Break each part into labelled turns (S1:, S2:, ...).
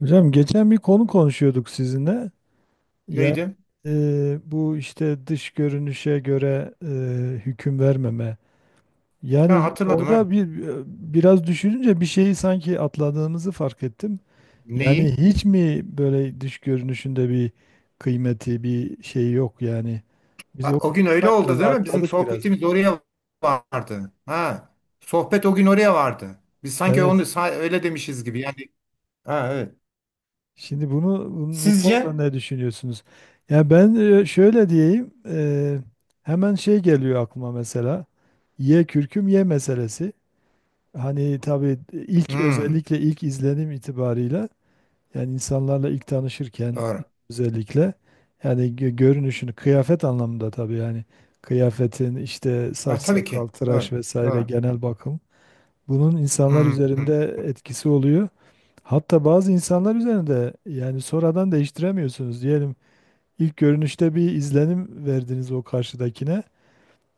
S1: Hocam geçen bir konu konuşuyorduk sizinle. Ya
S2: Neydi?
S1: bu işte dış görünüşe göre hüküm vermeme.
S2: Ha,
S1: Yani
S2: hatırladım ha.
S1: orada bir biraz düşününce bir şeyi sanki atladığımızı fark ettim. Yani
S2: Neyi?
S1: hiç mi böyle dış görünüşünde bir kıymeti, bir şey yok yani. Biz
S2: Ha,
S1: o
S2: o gün
S1: kısmı
S2: öyle
S1: sanki biraz
S2: oldu değil mi? Bizim
S1: atladık biraz.
S2: sohbetimiz oraya vardı. Ha. Sohbet o gün oraya vardı. Biz sanki onu
S1: Evet.
S2: öyle demişiz gibi. Yani ha evet.
S1: Şimdi bu
S2: Sizce?
S1: konuda ne düşünüyorsunuz? Ya ben şöyle diyeyim, hemen şey geliyor aklıma mesela. Ye kürküm ye meselesi. Hani tabii ilk
S2: Hmm,
S1: özellikle ilk izlenim itibarıyla yani insanlarla ilk tanışırken
S2: doğru.
S1: özellikle yani görünüşünü kıyafet anlamında tabii yani kıyafetin işte saç
S2: Ha, tabii ki.
S1: sakal tıraş
S2: Doğru.
S1: vesaire
S2: Doğru.
S1: genel bakım bunun insanlar
S2: Hmm,
S1: üzerinde etkisi oluyor. Hatta bazı insanlar üzerinde yani sonradan değiştiremiyorsunuz. Diyelim ilk görünüşte bir izlenim verdiniz o karşıdakine.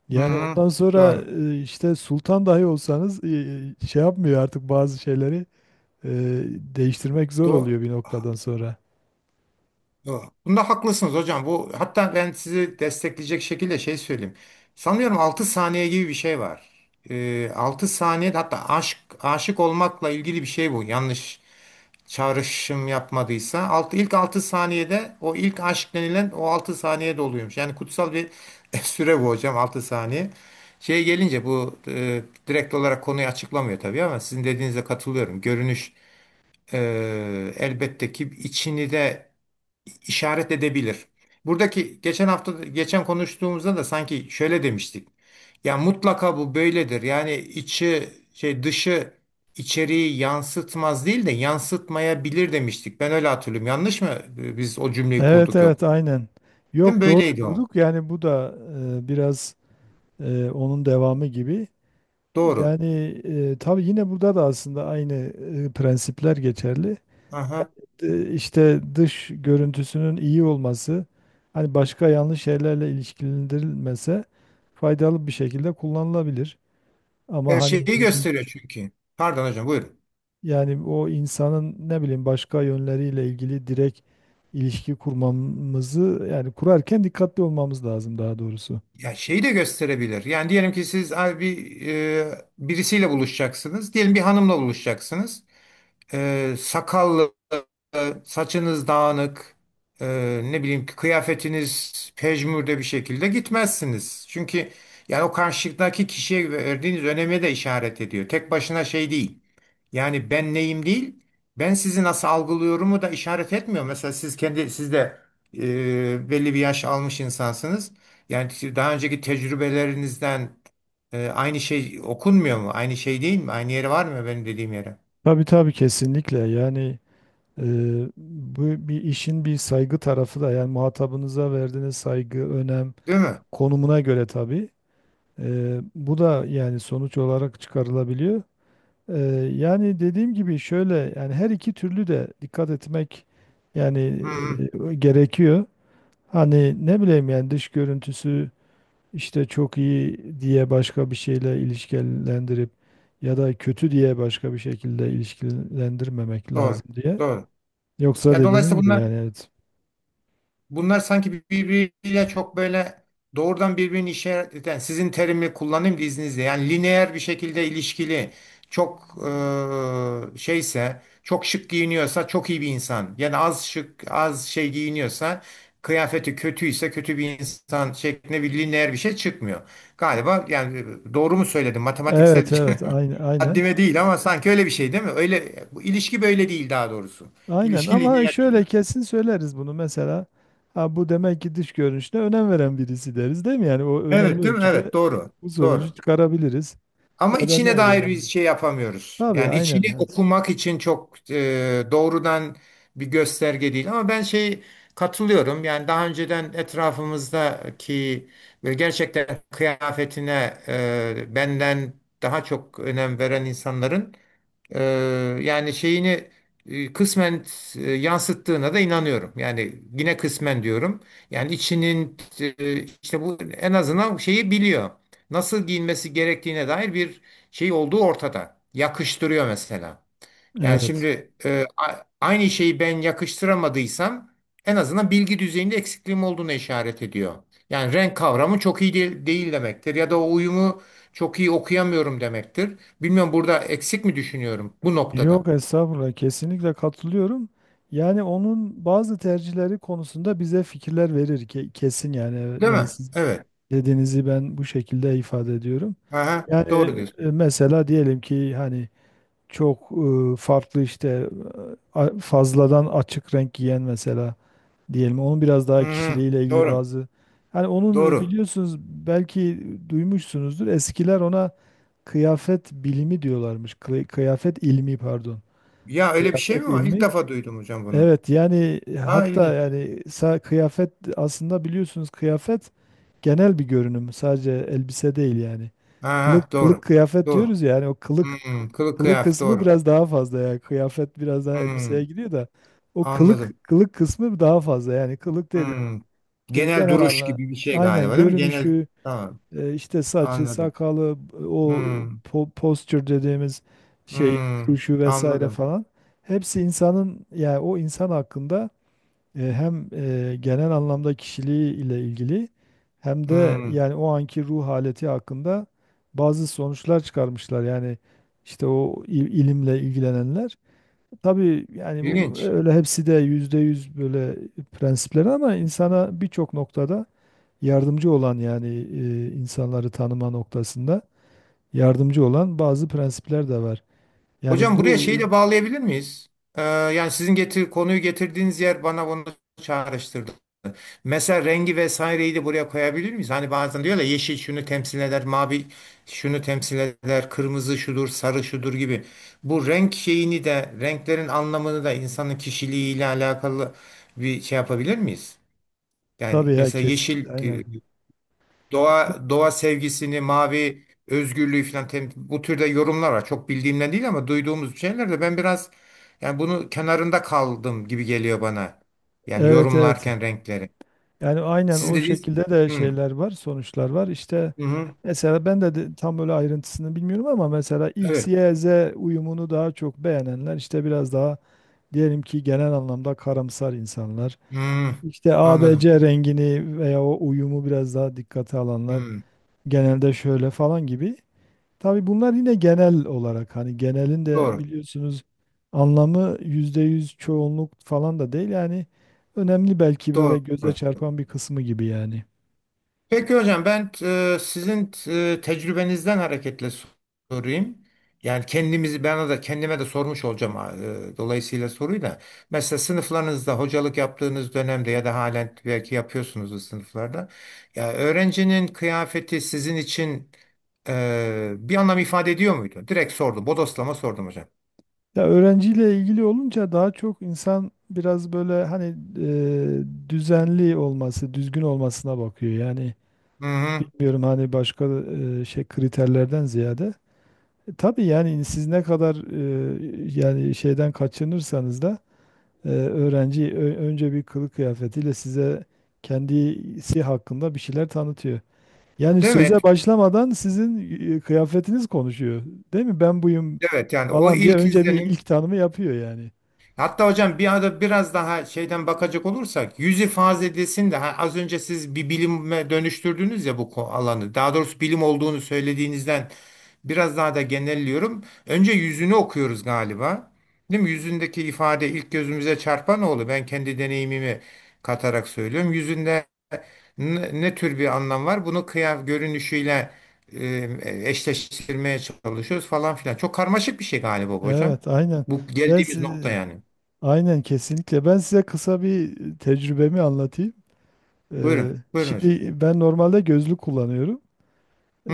S1: Yani
S2: hmm,
S1: ondan sonra
S2: doğru.
S1: işte sultan dahi olsanız şey yapmıyor artık bazı şeyleri e, değiştirmek zor
S2: Doğru.
S1: oluyor bir noktadan sonra.
S2: Doğru. Bunda haklısınız hocam. Bu hatta ben sizi destekleyecek şekilde şey söyleyeyim. Sanıyorum 6 saniye gibi bir şey var. 6 saniye hatta aşk aşık olmakla ilgili bir şey bu. Yanlış çağrışım yapmadıysa altı, ilk 6 saniyede o ilk aşk denilen o 6 saniyede oluyormuş. Yani kutsal bir süre bu hocam 6 saniye. Şeye gelince bu direkt olarak konuyu açıklamıyor tabii ama sizin dediğinize katılıyorum. Görünüş e, elbette ki içini de işaret edebilir. Buradaki geçen hafta geçen konuştuğumuzda da sanki şöyle demiştik. Ya mutlaka bu böyledir. Yani içi şey dışı içeriği yansıtmaz değil de yansıtmayabilir demiştik. Ben öyle hatırlıyorum. Yanlış mı? Biz o cümleyi
S1: Evet
S2: kurduk yok.
S1: evet aynen.
S2: Değil mi?
S1: Yok doğru
S2: Böyleydi o.
S1: kurduk yani bu da biraz onun devamı gibi.
S2: Doğru.
S1: Yani tabii yine burada da aslında aynı prensipler geçerli.
S2: Aha.
S1: İşte dış görüntüsünün iyi olması hani başka yanlış şeylerle ilişkilendirilmese faydalı bir şekilde kullanılabilir. Ama
S2: Evet, şeyi
S1: hani dedim,
S2: gösteriyor çünkü. Pardon hocam buyurun.
S1: yani o insanın ne bileyim başka yönleriyle ilgili direkt ilişki kurmamızı yani kurarken dikkatli olmamız lazım daha doğrusu.
S2: Ya şeyi de gösterebilir. Yani diyelim ki siz abi bir birisiyle buluşacaksınız. Diyelim bir hanımla buluşacaksınız. Sakallı, saçınız dağınık, e, ne bileyim ki kıyafetiniz pejmürde bir şekilde gitmezsiniz. Çünkü yani o karşıdaki kişiye verdiğiniz öneme de işaret ediyor. Tek başına şey değil. Yani ben neyim değil, ben sizi nasıl algılıyorumu da işaret etmiyor. Mesela siz kendi siz de belli bir yaş almış insansınız. Yani daha önceki tecrübelerinizden aynı şey okunmuyor mu? Aynı şey değil mi? Aynı yeri var mı benim dediğim yere?
S1: Tabii, kesinlikle yani e, bu bir işin bir saygı tarafı da yani muhatabınıza verdiğiniz saygı, önem
S2: Değil mi?
S1: konumuna göre tabii. Bu da yani sonuç olarak çıkarılabiliyor. Eee, Yani dediğim gibi şöyle yani her iki türlü de dikkat etmek yani
S2: Hı hı.
S1: gerekiyor. Hani ne bileyim yani dış görüntüsü işte çok iyi diye başka bir şeyle ilişkilendirip ya da kötü diye başka bir şekilde ilişkilendirmemek lazım
S2: Doğru.
S1: diye.
S2: Doğru.
S1: Yoksa
S2: Ya
S1: dediğiniz
S2: dolayısıyla
S1: gibi
S2: bunlar
S1: yani evet.
S2: sanki birbiriyle çok böyle doğrudan birbirini işaret eden sizin terimi kullanayım da izninizle yani lineer bir şekilde ilişkili çok şeyse çok şık giyiniyorsa çok iyi bir insan yani az şık az şey giyiniyorsa kıyafeti kötüyse kötü bir insan şeklinde bir lineer bir şey çıkmıyor. Galiba yani doğru mu söyledim matematiksel
S1: Evet
S2: bir şey
S1: evet aynı aynen.
S2: haddime değil ama sanki öyle bir şey değil mi? Öyle bu ilişki böyle değil daha doğrusu.
S1: Aynen
S2: İlişki
S1: ama
S2: lineer değil.
S1: şöyle kesin söyleriz bunu mesela. Ha bu demek ki dış görünüşüne önem veren birisi deriz değil mi? Yani o önemli
S2: Evet değil mi?
S1: ölçüde
S2: Evet doğru.
S1: bu sonucu
S2: Doğru.
S1: çıkarabiliriz.
S2: Ama
S1: Ya da
S2: içine
S1: ne
S2: dair bir
S1: bileyim.
S2: şey yapamıyoruz.
S1: Tabii
S2: Yani
S1: aynen.
S2: içini
S1: Evet.
S2: okumak için çok doğrudan bir gösterge değil. Ama ben şey katılıyorum. Yani daha önceden etrafımızdaki böyle gerçekten kıyafetine benden daha çok önem veren insanların ee, yani şeyini kısmen yansıttığına da inanıyorum. Yani yine kısmen diyorum. Yani içinin işte bu en azından şeyi biliyor. Nasıl giyinmesi gerektiğine dair bir şey olduğu ortada. Yakıştırıyor mesela. Yani
S1: Evet.
S2: şimdi aynı şeyi ben yakıştıramadıysam en azından bilgi düzeyinde eksikliğim olduğunu işaret ediyor. Yani renk kavramı çok iyi değil demektir ya da o uyumu çok iyi okuyamıyorum demektir. Bilmiyorum burada eksik mi düşünüyorum bu
S1: Yok
S2: noktada?
S1: estağfurullah kesinlikle katılıyorum. Yani onun bazı tercihleri konusunda bize fikirler verir ki kesin yani. Evet,
S2: Değil mi?
S1: yani siz
S2: Evet.
S1: dediğinizi ben bu şekilde ifade ediyorum.
S2: Aha,
S1: Yani
S2: doğru diyorsun.
S1: mesela diyelim ki hani çok farklı işte fazladan açık renk giyen mesela diyelim. Onun biraz daha
S2: Hı-hı,
S1: kişiliğiyle ilgili
S2: doğru.
S1: bazı hani onun
S2: Doğru.
S1: biliyorsunuz belki duymuşsunuzdur. Eskiler ona kıyafet bilimi diyorlarmış. Kıyafet ilmi pardon.
S2: Ya öyle bir şey
S1: Kıyafet
S2: mi var? İlk
S1: ilmi.
S2: defa duydum hocam bunu.
S1: Evet yani
S2: Ha,
S1: hatta
S2: ilginç.
S1: yani kıyafet aslında biliyorsunuz kıyafet genel bir görünüm. Sadece elbise değil yani.
S2: Aha,
S1: Kılık
S2: doğru.
S1: kıyafet
S2: Doğru.
S1: diyoruz ya yani o kılık.
S2: Hmm, kılık
S1: Kılık
S2: kıyafet
S1: kısmı
S2: doğru.
S1: biraz daha fazla ya. Kıyafet biraz daha
S2: Hmm,
S1: elbiseye gidiyor da o kılık
S2: anladım.
S1: kılık kısmı daha fazla. Yani kılık dedi,
S2: Hmm.
S1: de
S2: Genel
S1: genel
S2: duruş
S1: anla
S2: gibi bir şey
S1: aynen
S2: galiba değil mi? Genel
S1: görünüşü
S2: tamam
S1: işte saçı,
S2: anladım.
S1: sakalı, o
S2: Hmm.
S1: posture dediğimiz şey,
S2: Hmm.
S1: duruşu vesaire
S2: Anladım.
S1: falan. Hepsi insanın yani o insan hakkında hem genel anlamda kişiliği ile ilgili hem de
S2: Hmm.
S1: yani o anki ruh haleti hakkında bazı sonuçlar çıkarmışlar. Yani işte o ilimle ilgilenenler. Tabii yani bu
S2: İlginç.
S1: öyle hepsi de yüzde yüz böyle prensipleri ama insana birçok noktada yardımcı olan yani insanları tanıma noktasında yardımcı olan bazı prensipler de var. Yani
S2: Hocam buraya
S1: bu
S2: şeyi de bağlayabilir miyiz? Yani sizin konuyu getirdiğiniz yer bana bunu çağrıştırdı. Mesela rengi vesaireyi de buraya koyabilir miyiz? Hani bazen diyorlar ya, yeşil şunu temsil eder, mavi şunu temsil eder, kırmızı şudur, sarı şudur gibi. Bu renk şeyini de, renklerin anlamını da insanın kişiliğiyle alakalı bir şey yapabilir miyiz? Yani
S1: tabii ya
S2: mesela
S1: kesin
S2: yeşil e,
S1: aynen.
S2: doğa sevgisini, mavi özgürlüğü falan bu türde yorumlar var. Çok bildiğimden değil ama duyduğumuz şeyler de ben biraz yani bunu kenarında kaldım gibi geliyor bana. Yani
S1: Evet,
S2: yorumlarken renkleri.
S1: yani aynen
S2: Sizin
S1: o
S2: dediğiniz
S1: şekilde de
S2: hı
S1: şeyler var, sonuçlar var. İşte
S2: hı. Hı.
S1: mesela ben de tam böyle ayrıntısını bilmiyorum ama mesela X,
S2: Evet.
S1: Y, Z uyumunu daha çok beğenenler işte biraz daha diyelim ki genel anlamda karamsar insanlar.
S2: Hı,
S1: İşte A, B,
S2: anladım.
S1: C rengini veya o uyumu biraz daha dikkate alanlar
S2: Hı,
S1: genelde şöyle falan gibi. Tabii bunlar yine genel olarak hani genelin de
S2: doğru.
S1: biliyorsunuz anlamı %100 çoğunluk falan da değil yani önemli belki
S2: Doğru.
S1: böyle göze çarpan bir kısmı gibi yani.
S2: Peki hocam ben sizin tecrübenizden hareketle sorayım. Yani kendimizi bana da kendime de sormuş olacağım dolayısıyla soruyu da. Mesela sınıflarınızda hocalık yaptığınız dönemde ya da halen belki yapıyorsunuz o sınıflarda. Ya öğrencinin kıyafeti sizin için bir anlam ifade ediyor muydu? Direkt sordum. Bodoslama sordum hocam.
S1: Ya öğrenciyle ilgili olunca daha çok insan biraz böyle hani düzenli olması, düzgün olmasına bakıyor. Yani
S2: Hı hı.
S1: bilmiyorum hani başka şey kriterlerden ziyade. E, tabii yani siz ne kadar yani şeyden kaçınırsanız da öğrenci önce bir kılık kıyafetiyle size kendisi hakkında bir şeyler tanıtıyor. Yani
S2: Değil mi?
S1: söze başlamadan sizin kıyafetiniz konuşuyor. Değil mi? Ben buyum
S2: Evet yani o
S1: falan diye
S2: ilk
S1: önce bir
S2: izlenim.
S1: ilk tanımı yapıyor yani.
S2: Hatta hocam bir arada biraz daha şeyden bakacak olursak yüz ifadesinde ha, az önce siz bir bilime dönüştürdünüz ya bu alanı. Daha doğrusu bilim olduğunu söylediğinizden biraz daha da genelliyorum. Önce yüzünü okuyoruz galiba. Değil mi? Yüzündeki ifade ilk gözümüze çarpan oldu. Ben kendi deneyimimi katarak söylüyorum. Yüzünde ne tür bir anlam var? Bunu görünüşüyle eşleştirmeye çalışıyoruz falan filan. Çok karmaşık bir şey galiba bu hocam.
S1: Evet, aynen.
S2: Bu
S1: Ben
S2: geldiğimiz nokta
S1: si-
S2: yani.
S1: aynen kesinlikle. Ben size kısa bir tecrübemi anlatayım. Ee,
S2: Buyurun. Buyurun hocam.
S1: Şimdi ben normalde gözlük kullanıyorum.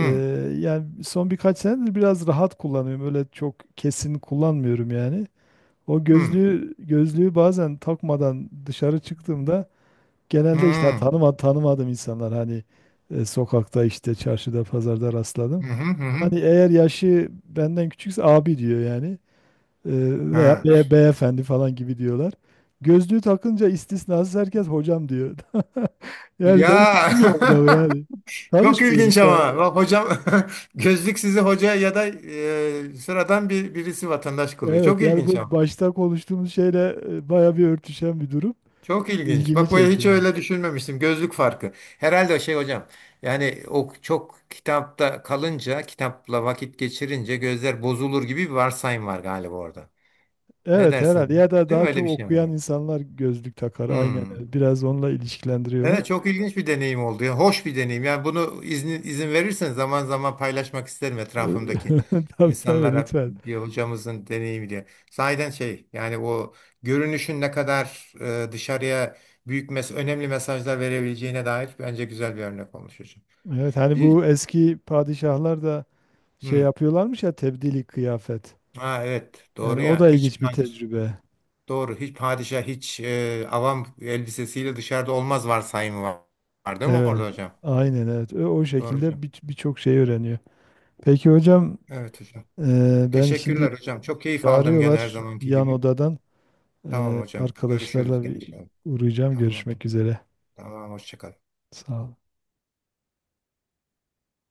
S1: Ee, Yani son birkaç senedir biraz rahat kullanıyorum. Öyle çok kesin kullanmıyorum yani. O
S2: Hı.
S1: gözlüğü bazen takmadan dışarı çıktığımda genelde işte
S2: Hı.
S1: tanımadığım insanlar hani sokakta işte çarşıda pazarda
S2: Hı
S1: rastladım.
S2: hı hı. Hı.
S1: Hani eğer yaşı benden küçükse abi diyor yani. Ee, Veya
S2: Ha.
S1: beyefendi falan gibi diyorlar. Gözlüğü takınca istisnasız herkes hocam diyor. Yani ben
S2: Ya
S1: tanımıyorum adamı yani.
S2: çok ilginç
S1: Tanışmıyoruz. Ha.
S2: ama bak hocam gözlük sizi hoca ya da sıradan bir birisi vatandaş kılıyor.
S1: Evet
S2: Çok
S1: yani
S2: ilginç
S1: bu
S2: ama.
S1: başta konuştuğumuz şeyle baya bir örtüşen bir durum.
S2: Çok ilginç.
S1: İlgimi
S2: Bak böyle
S1: çekti
S2: hiç
S1: yani.
S2: öyle düşünmemiştim. Gözlük farkı. Herhalde o şey hocam. Yani o çok kitapta kalınca, kitapla vakit geçirince gözler bozulur gibi bir varsayım var galiba orada. Ne
S1: Evet
S2: dersiniz?
S1: herhalde ya da
S2: Değil mi?
S1: daha
S2: Öyle
S1: çok
S2: bir şey
S1: okuyan
S2: var.
S1: insanlar gözlük takar aynen
S2: Hmm.
S1: öyle. Biraz onunla ilişkilendiriyorlar.
S2: Evet çok ilginç bir deneyim oldu. Yani hoş bir deneyim. Yani bunu izin verirseniz zaman zaman paylaşmak isterim etrafımdaki
S1: Tabii,
S2: insanlara
S1: lütfen.
S2: bir hocamızın deneyimi diye. Sahiden şey yani o görünüşün ne kadar dışarıya büyük önemli mesajlar verebileceğine dair bence güzel bir örnek olmuş hocam.
S1: Evet hani
S2: Hiç-
S1: bu eski padişahlar da şey
S2: Hı.
S1: yapıyorlarmış ya tebdili kıyafet.
S2: Ha, evet
S1: Yani
S2: doğru
S1: o
S2: ya.
S1: da ilginç bir tecrübe.
S2: Doğru hiç padişah hiç avam elbisesiyle dışarıda olmaz varsayımı var, var değil mi
S1: Evet,
S2: orada hocam?
S1: aynen evet. O
S2: Doğru
S1: şekilde
S2: hocam.
S1: birçok şey öğreniyor. Peki hocam,
S2: Evet hocam.
S1: ben şimdi
S2: Teşekkürler hocam. Çok keyif aldım gene her
S1: çağırıyorlar
S2: zamanki
S1: yan
S2: gibi.
S1: odadan.
S2: Tamam
S1: E,
S2: hocam. Görüşürüz
S1: arkadaşlarla
S2: gene
S1: bir
S2: inşallah.
S1: uğrayacağım.
S2: Tamam.
S1: Görüşmek üzere.
S2: Tamam. Hoşça kal.
S1: Sağ ol.